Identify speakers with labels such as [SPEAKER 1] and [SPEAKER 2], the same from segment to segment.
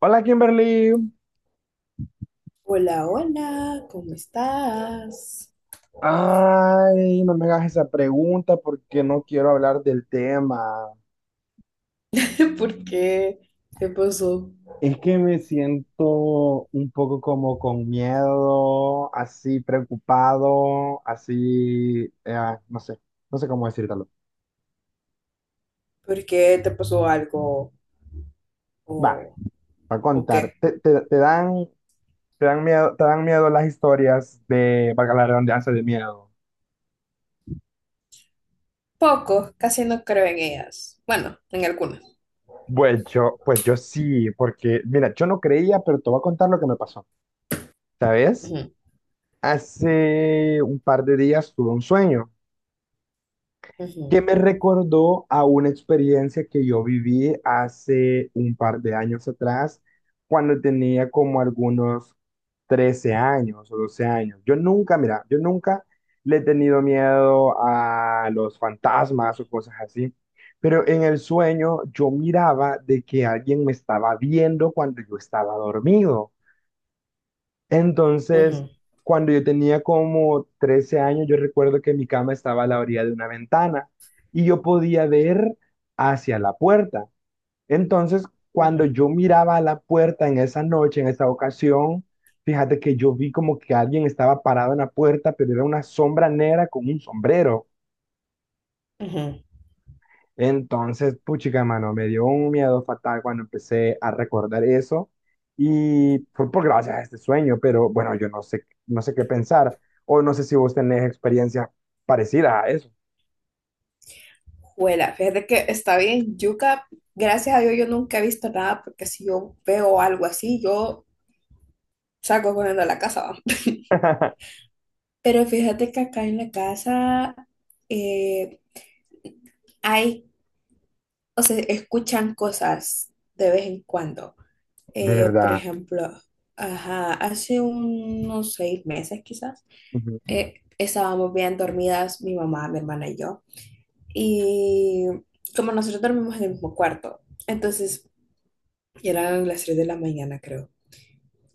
[SPEAKER 1] Hola, Kimberly.
[SPEAKER 2] Hola, hola, ¿cómo estás?
[SPEAKER 1] Ay, no me hagas esa pregunta porque no quiero hablar del tema.
[SPEAKER 2] ¿Por qué? ¿Qué pasó?
[SPEAKER 1] Es que me siento un poco como con miedo, así preocupado, así, no sé cómo decírtelo.
[SPEAKER 2] ¿Por qué te pasó algo?
[SPEAKER 1] Va,
[SPEAKER 2] ¿O,
[SPEAKER 1] va a
[SPEAKER 2] o qué?
[SPEAKER 1] contar. Te dan miedo las historias de, valga la redundancia, de miedo.
[SPEAKER 2] Poco, casi no creo en ellas. Bueno, en algunas.
[SPEAKER 1] Pues yo sí, porque, mira, yo no creía, pero te voy a contar lo que me pasó, ¿sabes?
[SPEAKER 2] Ujú,
[SPEAKER 1] Hace un par de días tuve un sueño que
[SPEAKER 2] ujú,
[SPEAKER 1] me recordó a una experiencia que yo viví hace un par de años atrás, cuando tenía como algunos 13 años o 12 años. Yo nunca, mira, yo nunca le he tenido miedo a los fantasmas o cosas así, pero en el sueño yo miraba de que alguien me estaba viendo cuando yo estaba dormido. Entonces,
[SPEAKER 2] ujú,
[SPEAKER 1] cuando yo tenía como 13 años, yo recuerdo que mi cama estaba a la orilla de una ventana y yo podía ver hacia la puerta. Entonces, cuando
[SPEAKER 2] ujú,
[SPEAKER 1] yo miraba a la puerta en esa noche, en esa ocasión, fíjate que yo vi como que alguien estaba parado en la puerta, pero era una sombra negra con un sombrero.
[SPEAKER 2] ujú.
[SPEAKER 1] Entonces, puchica, mano, me dio un miedo fatal cuando empecé a recordar eso y fue por gracias a este sueño, pero bueno, yo no sé, no sé qué pensar o no sé si vos tenés experiencias parecidas a eso.
[SPEAKER 2] Juela, fíjate que está bien, yuca. Gracias a Dios yo nunca he visto nada porque si yo veo algo así, yo salgo corriendo a la casa, va. Pero fíjate que acá en la casa eh, hay o se escuchan cosas de vez en cuando.
[SPEAKER 1] De
[SPEAKER 2] Por
[SPEAKER 1] verdad.
[SPEAKER 2] ejemplo, ajá, hace unos seis meses quizás,
[SPEAKER 1] Ujú.
[SPEAKER 2] estábamos bien dormidas mi mamá, mi hermana y yo. Y como nosotros dormimos en el mismo cuarto, entonces eran las 3 de la mañana, creo.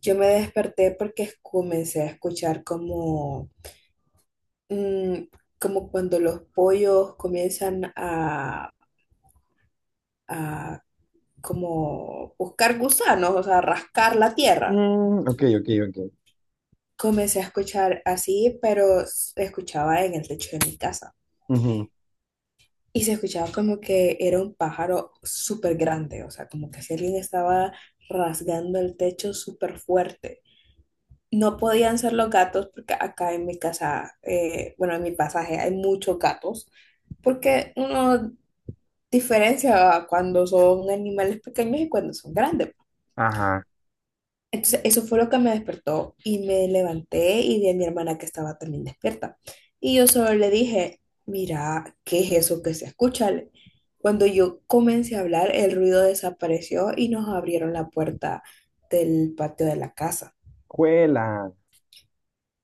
[SPEAKER 2] Yo me desperté porque comencé a escuchar como, mm, como cuando los pollos comienzan a como buscar gusanos, o sea, rascar la tierra.
[SPEAKER 1] Mm, ok, ok, ok.
[SPEAKER 2] Comencé a escuchar así, pero se escuchaba en el techo de mi casa.
[SPEAKER 1] Ujú.
[SPEAKER 2] Y se escuchaba como que era un pájaro súper grande, o sea, como que si alguien estaba rasgando el techo súper fuerte. No podían ser los gatos porque acá en mi casa, bueno, en mi pasaje hay muchos gatos, porque uno diferencia cuando son animales pequeños y cuando son grandes.
[SPEAKER 1] Ajá.
[SPEAKER 2] Entonces, eso fue lo que me despertó y me levanté y vi a mi hermana que estaba también despierta. Y yo solo le dije, mira, ¿qué es eso que se escucha? Cuando yo comencé a hablar, el ruido desapareció y nos abrieron la puerta del patio de la casa.
[SPEAKER 1] Cuela.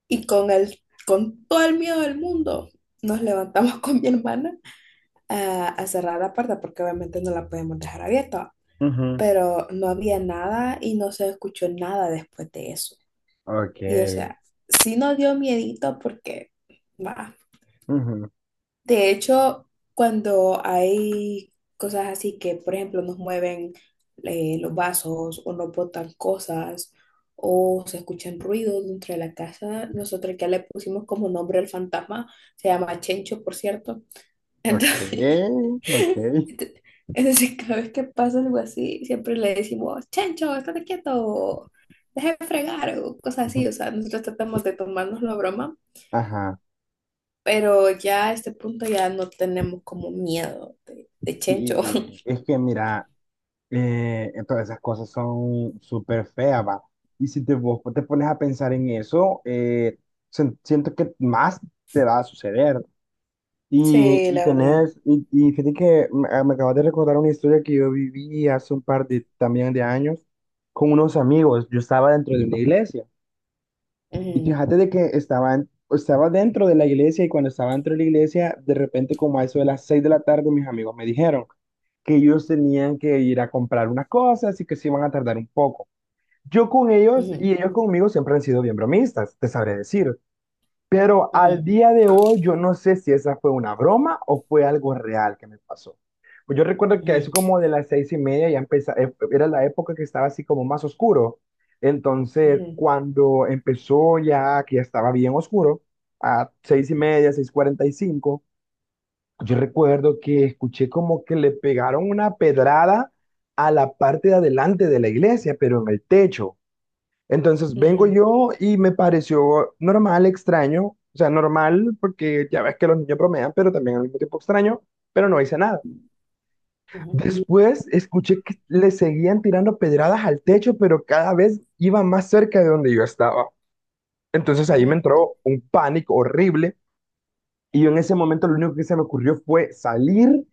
[SPEAKER 2] Y con todo el miedo del mundo, nos levantamos con mi hermana a cerrar la puerta porque obviamente no la podemos dejar abierta.
[SPEAKER 1] Ujú.
[SPEAKER 2] Pero no había nada y no se escuchó nada después de eso.
[SPEAKER 1] Ok.
[SPEAKER 2] Y o sea, sí nos dio miedito porque, va.
[SPEAKER 1] Ujú.
[SPEAKER 2] De hecho, cuando hay cosas así que, por ejemplo, nos mueven los vasos o nos botan cosas o se escuchan ruidos dentro de la casa, nosotros ya le pusimos como nombre al fantasma, se llama Chencho, por cierto.
[SPEAKER 1] Ok.
[SPEAKER 2] Entonces,
[SPEAKER 1] Ok.
[SPEAKER 2] entonces cada vez que pasa algo así, siempre le decimos, Chencho, estate quieto, deja de fregar o cosas así. O sea, nosotros tratamos de tomarnos la broma.
[SPEAKER 1] Ajá.
[SPEAKER 2] Pero ya a este punto ya no tenemos como miedo de Chencho.
[SPEAKER 1] Sí, es que mira. Entonces esas cosas son súper feas, va. Y si vos te pones a pensar en eso, siento que más te va a suceder. Y,
[SPEAKER 2] Sí,
[SPEAKER 1] y
[SPEAKER 2] la verdad.
[SPEAKER 1] tenés, y fíjate que me acabas de recordar una historia que yo viví hace un par de, también de años con unos amigos. Yo estaba dentro de una iglesia. Y
[SPEAKER 2] Ujú,
[SPEAKER 1] fíjate de que estaba dentro de la iglesia y cuando estaba dentro de la iglesia, de repente como a eso de las 6 de la tarde, mis amigos me dijeron que ellos tenían que ir a comprar unas cosas y que se iban a tardar un poco. Yo con ellos
[SPEAKER 2] ujú,
[SPEAKER 1] y ellos conmigo siempre han sido bien bromistas, te sabré decir. Pero al
[SPEAKER 2] ujú,
[SPEAKER 1] día de hoy yo no sé si esa fue una broma o fue algo real que me pasó. Pues yo recuerdo que a
[SPEAKER 2] ujú,
[SPEAKER 1] eso como de las 6:30 ya empezaba, era la época que estaba así como más oscuro. Entonces,
[SPEAKER 2] ujú,
[SPEAKER 1] cuando empezó ya, que ya estaba bien oscuro, a 6:30, 6:45, yo recuerdo que escuché como que le pegaron una pedrada a la parte de adelante de la iglesia, pero en el techo. Entonces vengo
[SPEAKER 2] ujú,
[SPEAKER 1] yo y me pareció normal, extraño, o sea, normal porque ya ves que los niños bromean, pero también al mismo tiempo extraño, pero no hice nada.
[SPEAKER 2] ujú,
[SPEAKER 1] Después escuché que le seguían tirando pedradas al techo, pero cada vez iba más cerca de donde yo estaba. Entonces ahí me
[SPEAKER 2] ujú,
[SPEAKER 1] entró un pánico horrible y yo en ese momento lo único que se me ocurrió fue salir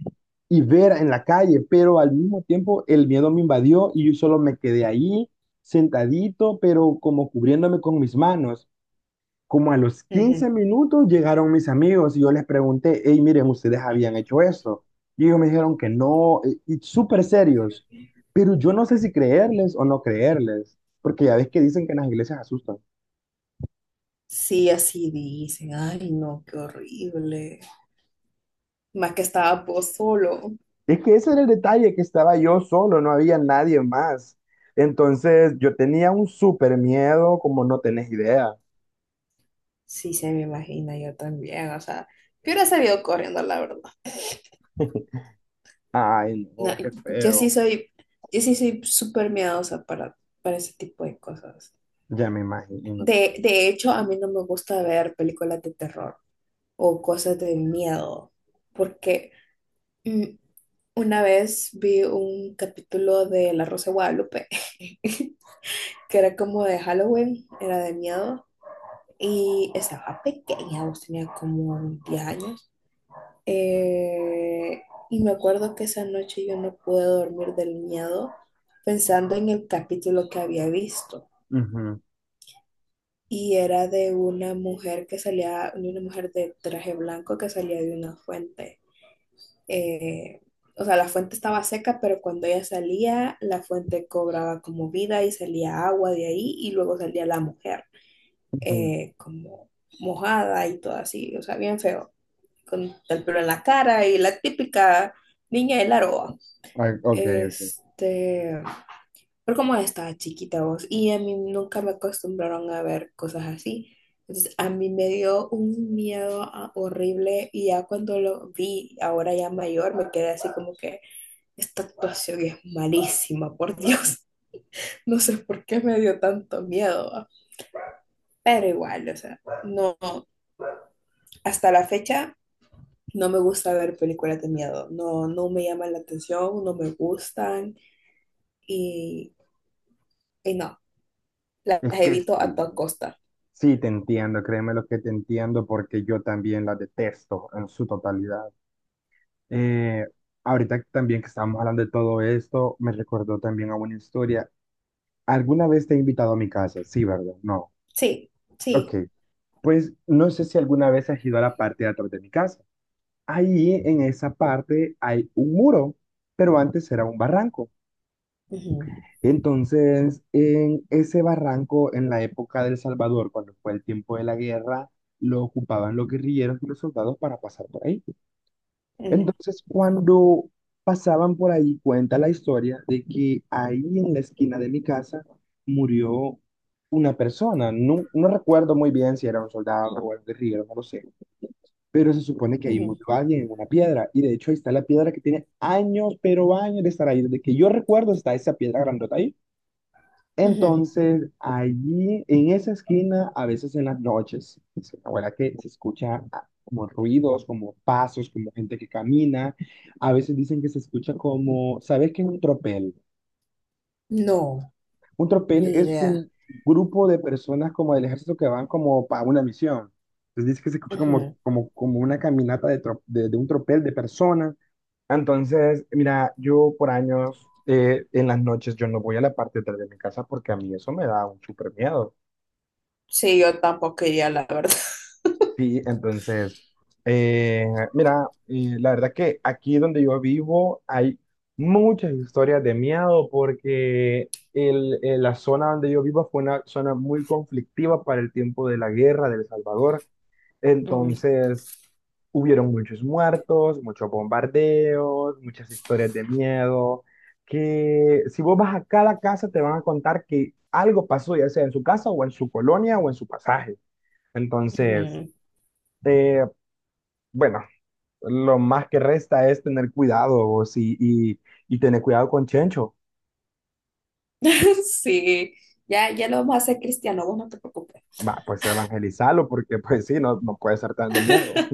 [SPEAKER 1] y ver en la calle, pero al mismo tiempo el miedo me invadió y yo solo me quedé ahí sentadito, pero como cubriéndome con mis manos. Como a los quince
[SPEAKER 2] ujú.
[SPEAKER 1] minutos llegaron mis amigos y yo les pregunté, hey, miren, ¿ustedes habían hecho esto? Y ellos me dijeron que no, y súper serios. Pero yo no sé si creerles o no creerles, porque ya ves que dicen que en las iglesias asustan.
[SPEAKER 2] Sí, así dicen. Ay, no, qué horrible. Más que estaba vos solo.
[SPEAKER 1] Es que ese era el detalle, que estaba yo solo, no había nadie más. Entonces yo tenía un súper miedo, como no tenés idea.
[SPEAKER 2] Sí, se me imagina yo también. O sea, yo hubiera salido corriendo, la verdad.
[SPEAKER 1] Ay,
[SPEAKER 2] No,
[SPEAKER 1] no, qué
[SPEAKER 2] yo sí
[SPEAKER 1] feo.
[SPEAKER 2] soy, yo sí soy súper miedosa para ese tipo de cosas.
[SPEAKER 1] Ya me imagino.
[SPEAKER 2] De hecho, a mí no me gusta ver películas de terror o cosas de miedo, porque mm, una vez vi un capítulo de La Rosa de Guadalupe, que era como de Halloween, era de miedo, y estaba pequeña, vos tenía como 10 años, eh, y me acuerdo que esa noche yo no pude dormir del miedo pensando en el capítulo que había visto.
[SPEAKER 1] Ujú,
[SPEAKER 2] Y era de una mujer que salía, de una mujer de traje blanco que salía de una fuente. eh, o sea, la fuente estaba seca, pero cuando ella salía, la fuente cobraba como vida y salía agua de ahí y luego salía la mujer
[SPEAKER 1] ujú.
[SPEAKER 2] como mojada y todo así, o sea, bien feo, con el pelo en la cara y la típica niña de la roa.
[SPEAKER 1] Ay, ok, ok.
[SPEAKER 2] Este, pero como estaba chiquita vos y a mí nunca me acostumbraron a ver cosas así. Entonces, a mí me dio un miedo horrible y ya cuando lo vi, ahora ya mayor, me quedé así como que esta actuación es malísima, por Dios. No sé por qué me dio tanto miedo, ¿va? Pero igual, o sea, no, hasta la fecha no me gusta ver películas de miedo, no, no me llaman la atención, no me gustan y, y no, las
[SPEAKER 1] Es que
[SPEAKER 2] evito a
[SPEAKER 1] sí.
[SPEAKER 2] toda costa.
[SPEAKER 1] Sí, te entiendo, créeme lo que te entiendo porque yo también la detesto en su totalidad. Eh, ahorita también que estamos hablando de todo esto, me recordó también a una historia. ¿Alguna vez te he invitado a mi casa? Sí, ¿verdad? No.
[SPEAKER 2] Sí,
[SPEAKER 1] Ok,
[SPEAKER 2] sí.
[SPEAKER 1] pues no sé si alguna vez has ido a la parte de atrás de mi casa. Ahí en esa parte hay un muro, pero antes era un barranco.
[SPEAKER 2] Ujú,
[SPEAKER 1] Entonces, en ese barranco, en la época del Salvador, cuando fue el tiempo de la guerra, lo ocupaban los guerrilleros y los soldados para pasar por ahí.
[SPEAKER 2] ujú,
[SPEAKER 1] Entonces, cuando pasaban por ahí, cuenta la historia de que ahí en la esquina de mi casa murió una persona. No, no recuerdo muy bien si era un soldado o un guerrillero, no lo sé. Pero se supone que ahí
[SPEAKER 2] ujú,
[SPEAKER 1] murió alguien en una piedra. Y de hecho, ahí está la piedra que tiene años, pero años de estar ahí. Desde que yo recuerdo, está esa piedra grandota ahí.
[SPEAKER 2] ujú.
[SPEAKER 1] Entonces, allí, en esa esquina, a veces en las noches, dice mi abuela que se escucha como ruidos, como pasos, como gente que camina. A veces dicen que se escucha como, ¿sabes qué es un tropel?
[SPEAKER 2] No,
[SPEAKER 1] Un
[SPEAKER 2] ni
[SPEAKER 1] tropel es
[SPEAKER 2] idea.
[SPEAKER 1] un grupo de personas como del ejército que van como para una misión. Entonces dice que se escucha como,
[SPEAKER 2] Ujú.
[SPEAKER 1] como, como una caminata de un tropel de personas. Entonces, mira, yo por años, en las noches, yo no voy a la parte de atrás de mi casa porque a mí eso me da un súper miedo.
[SPEAKER 2] Sí, yo tampoco iría, la verdad.
[SPEAKER 1] Sí, entonces, eh, mira, la verdad que aquí donde yo vivo hay muchas historias de miedo porque la zona donde yo vivo fue una zona muy conflictiva para el tiempo de la guerra de El Salvador.
[SPEAKER 2] Ujú,
[SPEAKER 1] Entonces, hubieron muchos muertos, muchos bombardeos, muchas historias de miedo, que si vos vas a cada casa te van a contar que algo pasó, ya sea en su casa o en su colonia o en su pasaje. Entonces,
[SPEAKER 2] ujú.
[SPEAKER 1] eh, bueno, lo más que resta es tener cuidado vos, y tener cuidado con Chencho.
[SPEAKER 2] Sí, ya, ya lo vamos a hacer, Cristiano, vos no te preocupes.
[SPEAKER 1] Va, pues evangelizarlo, porque pues sí, no, no puede estar dando miedo.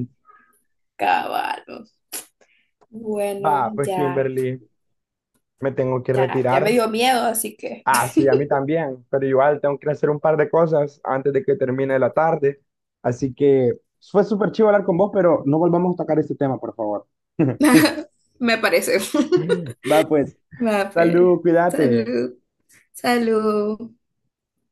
[SPEAKER 2] Caballo. Bueno,
[SPEAKER 1] Va, pues,
[SPEAKER 2] ya,
[SPEAKER 1] Kimberly, me tengo que
[SPEAKER 2] ya, ya me
[SPEAKER 1] retirar.
[SPEAKER 2] dio miedo, así que
[SPEAKER 1] Ah, sí, a mí también, pero igual tengo que hacer un par de cosas antes de que termine la tarde. Así que fue súper chido hablar con vos, pero no volvamos a tocar este tema, por favor.
[SPEAKER 2] me parece.
[SPEAKER 1] Va, pues,
[SPEAKER 2] Va, pues.
[SPEAKER 1] salud, cuídate.
[SPEAKER 2] Salud. Salud.